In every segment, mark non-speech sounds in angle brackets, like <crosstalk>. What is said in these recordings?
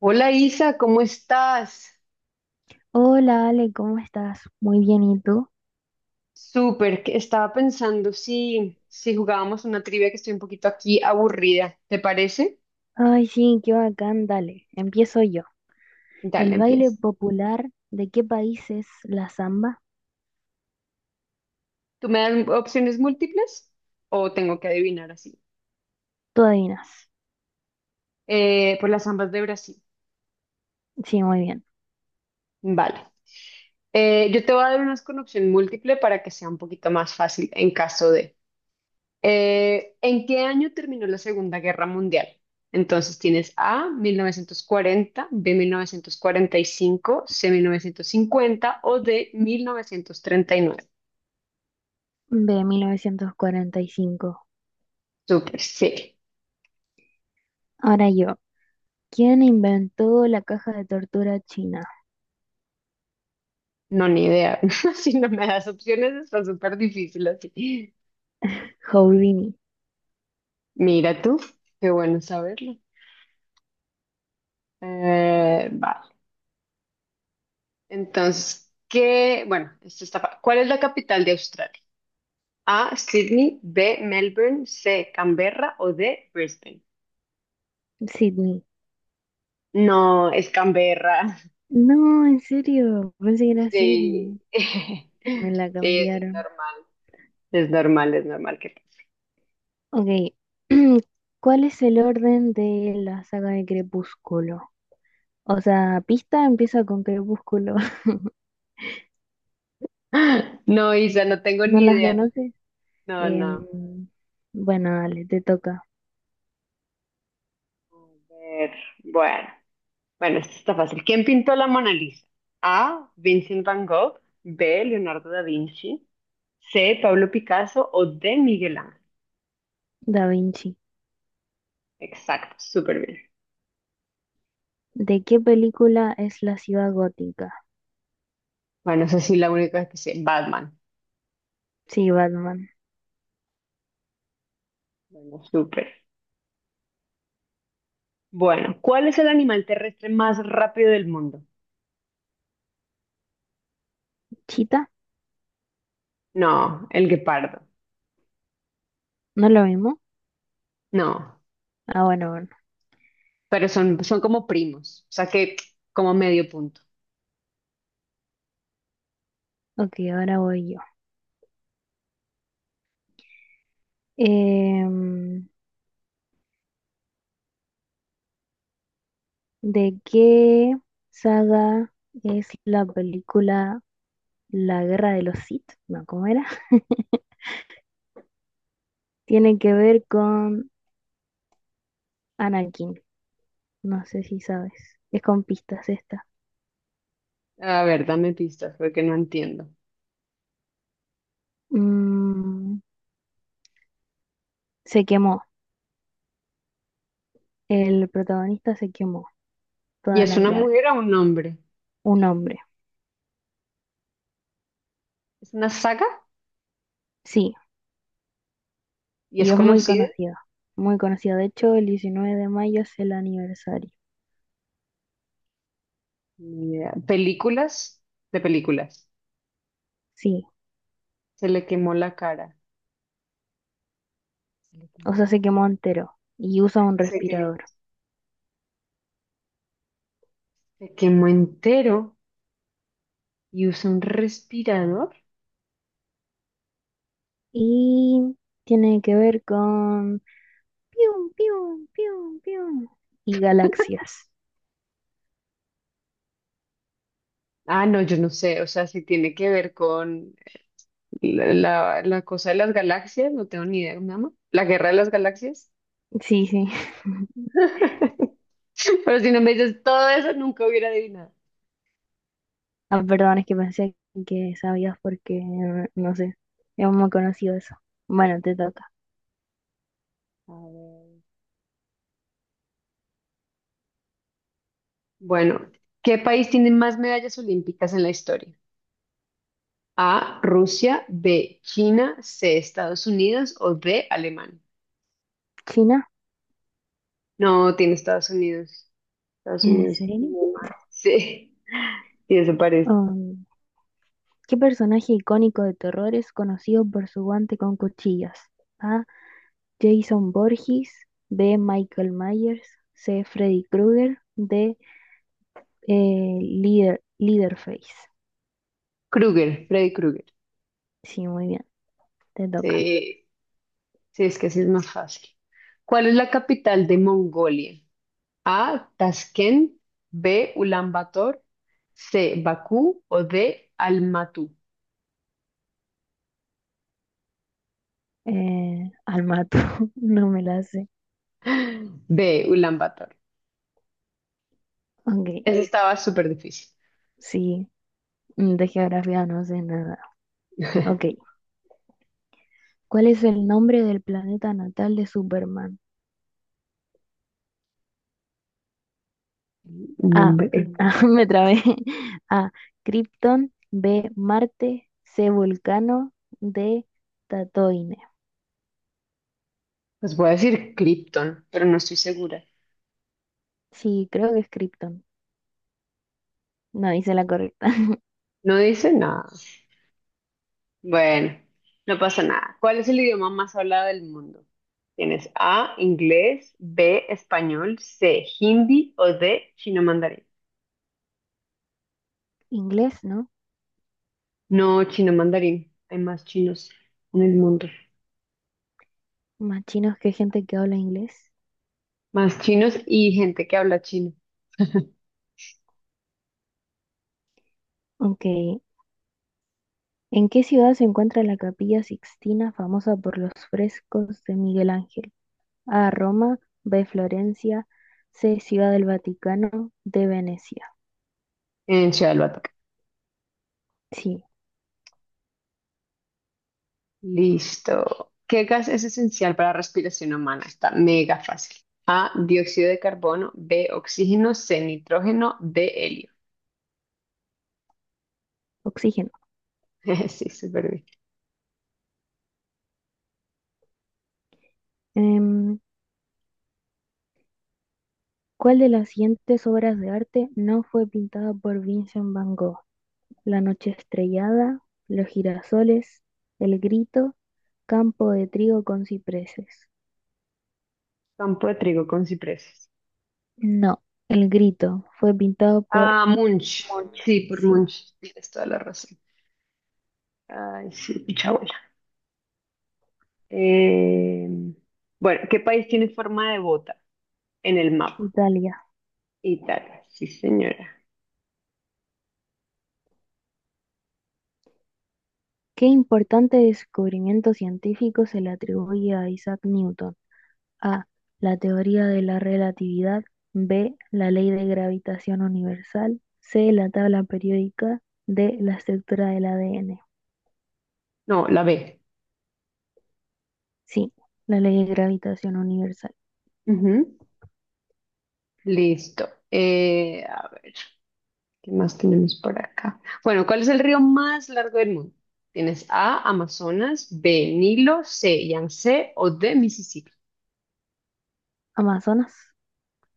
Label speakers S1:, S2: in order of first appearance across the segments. S1: Hola Isa, ¿cómo estás?
S2: Hola Ale, ¿cómo estás? Muy bien, ¿y tú?
S1: Súper, que estaba pensando si jugábamos una trivia que estoy un poquito aquí aburrida, ¿te parece?
S2: Ay, sí, qué bacán, dale, empiezo yo.
S1: Dale,
S2: ¿El baile
S1: empieza.
S2: popular de qué país es la samba?
S1: ¿Tú me das opciones múltiples o tengo que adivinar así?
S2: Tú adivinas.
S1: Por las ambas de Brasil.
S2: Sí, muy bien.
S1: Vale. Yo te voy a dar unas con opción múltiple para que sea un poquito más fácil en caso de. ¿En qué año terminó la Segunda Guerra Mundial? Entonces tienes A, 1940, B, 1945, C, 1950 o D, 1939.
S2: De 1945.
S1: Súper, sí.
S2: Ahora yo. ¿Quién inventó la caja de tortura china?
S1: No, ni idea. <laughs> Si no me das opciones, está súper difícil así.
S2: Houdini.
S1: Mira tú, qué bueno saberlo. Vale. Entonces, ¿qué? Bueno, ¿cuál es la capital de Australia? A, Sydney, B, Melbourne, C, Canberra o D, Brisbane.
S2: Sydney.
S1: No, es Canberra.
S2: No, en serio, pensé que era Sydney.
S1: Sí, <laughs> sí,
S2: Me la
S1: eso es
S2: cambiaron.
S1: normal. Es normal, es normal que. <laughs>
S2: Ok. <clears throat> ¿Cuál es el orden de la saga de Crepúsculo? O sea, pista empieza con crepúsculo. <laughs>
S1: ¡Ah! No, Isa, no tengo
S2: ¿No
S1: ni
S2: las
S1: idea.
S2: conoces?
S1: No, no.
S2: Em, bueno, dale, te toca.
S1: no. A ver, bueno. Bueno, esto está fácil. ¿Quién pintó la Mona Lisa? A. Vincent Van Gogh. B. Leonardo da Vinci. C. Pablo Picasso o D. Miguel Ángel.
S2: Da Vinci.
S1: Exacto, súper bien.
S2: ¿De qué película es la ciudad gótica?
S1: Bueno, esa sí la única que sé. Batman.
S2: Sí, Batman.
S1: Bueno, súper. Bueno, ¿cuál es el animal terrestre más rápido del mundo?
S2: ¿Chita?
S1: No, el guepardo.
S2: ¿No lo mismo?
S1: No,
S2: Ah, bueno, bueno.
S1: pero son como primos, o sea que como medio punto.
S2: Ok, ahora voy yo. Em, ¿De qué saga es la película La Guerra de los Sith? No, ¿cómo era? <laughs> Tiene que ver con Anakin. No sé si sabes. Es con pistas esta.
S1: A ver, dame pistas porque no entiendo.
S2: Mm, Se quemó. El protagonista se quemó
S1: ¿Y
S2: toda
S1: es
S2: la
S1: una
S2: cara.
S1: mujer o un hombre?
S2: Un hombre.
S1: ¿Es una saga?
S2: Sí,
S1: ¿Y
S2: y
S1: es
S2: es muy
S1: conocida?
S2: conocido. Muy conocido. De hecho, el 19 de mayo es el aniversario.
S1: Ni idea. ¿Películas? De películas.
S2: Sí,
S1: Se le quemó la cara. Se le quemó
S2: o sea,
S1: la
S2: se
S1: cara.
S2: quemó entero y usa un
S1: Se quemó,
S2: respirador.
S1: se quemó entero y usa un respirador.
S2: Y tiene que ver con pium, pium, pium, pium y galaxias.
S1: Ah, no, yo no sé, o sea, si tiene que ver con la cosa de las galaxias, no tengo ni idea, mamá. ¿La guerra de las galaxias?
S2: Sí, sí. <laughs>
S1: <laughs> Pero si no me dices todo eso, nunca hubiera adivinado.
S2: Ah, perdón, es que pensé que sabías porque no sé. Es muy conocido eso. Bueno, te toca.
S1: A ver. Bueno, ¿qué país tiene más medallas olímpicas en la historia? A, Rusia, B, China, C, Estados Unidos o D, Alemania.
S2: ¿China?
S1: No, tiene Estados Unidos. Estados
S2: ¿En
S1: Unidos tiene
S2: serio?
S1: más. <laughs> Sí, y eso parece.
S2: Oh. ¿Qué personaje icónico de terror es conocido por su guante con cuchillas? A. Jason Voorhees. B. Michael Myers. C. Freddy Krueger. D. Leader, Leaderface.
S1: Kruger, Freddy Krueger.
S2: Sí, muy bien. Te toca.
S1: Sí, sí, es que así es más fácil. ¿Cuál es la capital de Mongolia? A. Tashkent. B. Ulaanbaatar. C. Bakú. O D. Almatú.
S2: Al mato. <laughs> No me la sé.
S1: B. Ulaanbaatar.
S2: Ok.
S1: Ese estaba súper difícil.
S2: Sí. De geografía no sé nada. Ok.
S1: <laughs>
S2: ¿Cuál es el nombre del planeta natal de Superman? A.
S1: Nombre.
S2: <laughs> Me trabé. A. Krypton. B. Marte. C. Vulcano. D. Tatooine.
S1: Pues voy a decir Krypton, pero no estoy segura.
S2: Sí, creo que es Krypton. No hice la correcta. <laughs>
S1: No dice nada. Bueno, no pasa nada. ¿Cuál es el idioma más hablado del mundo? Tienes A, inglés, B, español, C, hindi o D, chino mandarín.
S2: Inglés, ¿no?
S1: No, chino mandarín. Hay más chinos en el mundo.
S2: Más chinos que gente que habla inglés.
S1: Más chinos y gente que habla chino
S2: Ok. ¿En qué ciudad se encuentra la Capilla Sixtina, famosa por los frescos de Miguel Ángel? A. Roma. B. Florencia. C. Ciudad del Vaticano. D. Venecia.
S1: en Ciudad del Batuque.
S2: Sí,
S1: Listo. ¿Qué gas es esencial para la respiración humana? Está mega fácil. A, dióxido de carbono, B, oxígeno, C, nitrógeno, D, helio.
S2: oxígeno.
S1: <laughs> Sí, súper bien.
S2: Em, ¿Cuál de las siguientes obras de arte no fue pintada por Vincent Van Gogh? La noche estrellada, Los girasoles, El grito, Campo de trigo con cipreses.
S1: Campo de trigo con cipreses.
S2: No, El grito fue pintado por
S1: Ah, Munch.
S2: Monch,
S1: Sí, por
S2: sí.
S1: Munch. Tienes toda la razón. Ay, sí, picha abuela. Eh, bueno, ¿qué país tiene forma de bota en el mapa?
S2: Italia.
S1: Italia. Sí, señora.
S2: ¿Qué importante descubrimiento científico se le atribuye a Isaac Newton? A. La teoría de la relatividad. B. La ley de gravitación universal. C. La tabla periódica. D. La estructura del ADN.
S1: No, la B.
S2: Sí, la ley de gravitación universal.
S1: Ujú. Listo. A ver, ¿qué más tenemos por acá? Bueno, ¿cuál es el río más largo del mundo? Tienes A, Amazonas, B, Nilo, C, Yangtze o D, Mississippi.
S2: Amazonas.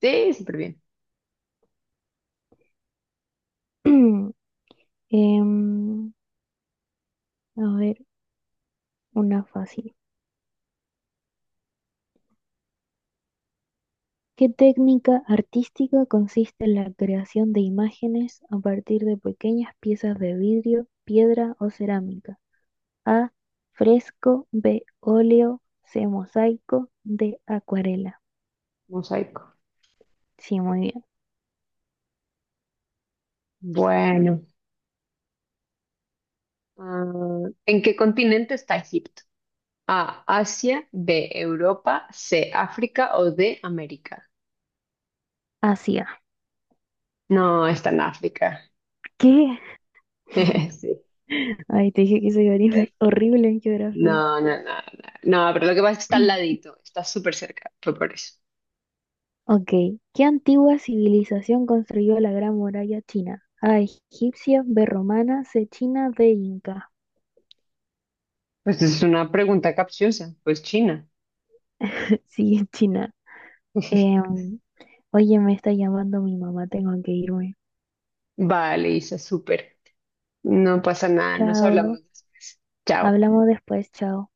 S1: Sí, súper bien.
S2: <clears throat> Em, a ver, una fácil. ¿Qué técnica artística consiste en la creación de imágenes a partir de pequeñas piezas de vidrio, piedra o cerámica? A. Fresco. B. Óleo. C. Mosaico. D. Acuarela.
S1: Mosaico.
S2: Sí, muy bien.
S1: Bueno, ¿en qué continente está Egipto? A, Asia, B, Europa, C, África o D, América.
S2: Asia.
S1: No, está en África.
S2: ¿Qué?
S1: <laughs> Sí.
S2: <laughs> Ay, te dije que soy horrible horrible en geografía.
S1: No, no, no, no. No, pero lo que pasa es que está al
S2: <clears throat>
S1: ladito, está súper cerca, fue por eso.
S2: Ok, ¿qué antigua civilización construyó la Gran Muralla China? A, egipcia, B, romana, C, china, D, inca.
S1: Pues es una pregunta capciosa, pues China.
S2: <laughs> Sí, es china.
S1: <laughs>
S2: Em, Oye, me está llamando mi mamá, tengo que irme.
S1: Vale, Isa, súper. No pasa nada, nos
S2: Chao,
S1: hablamos después. Chao.
S2: hablamos después, chao.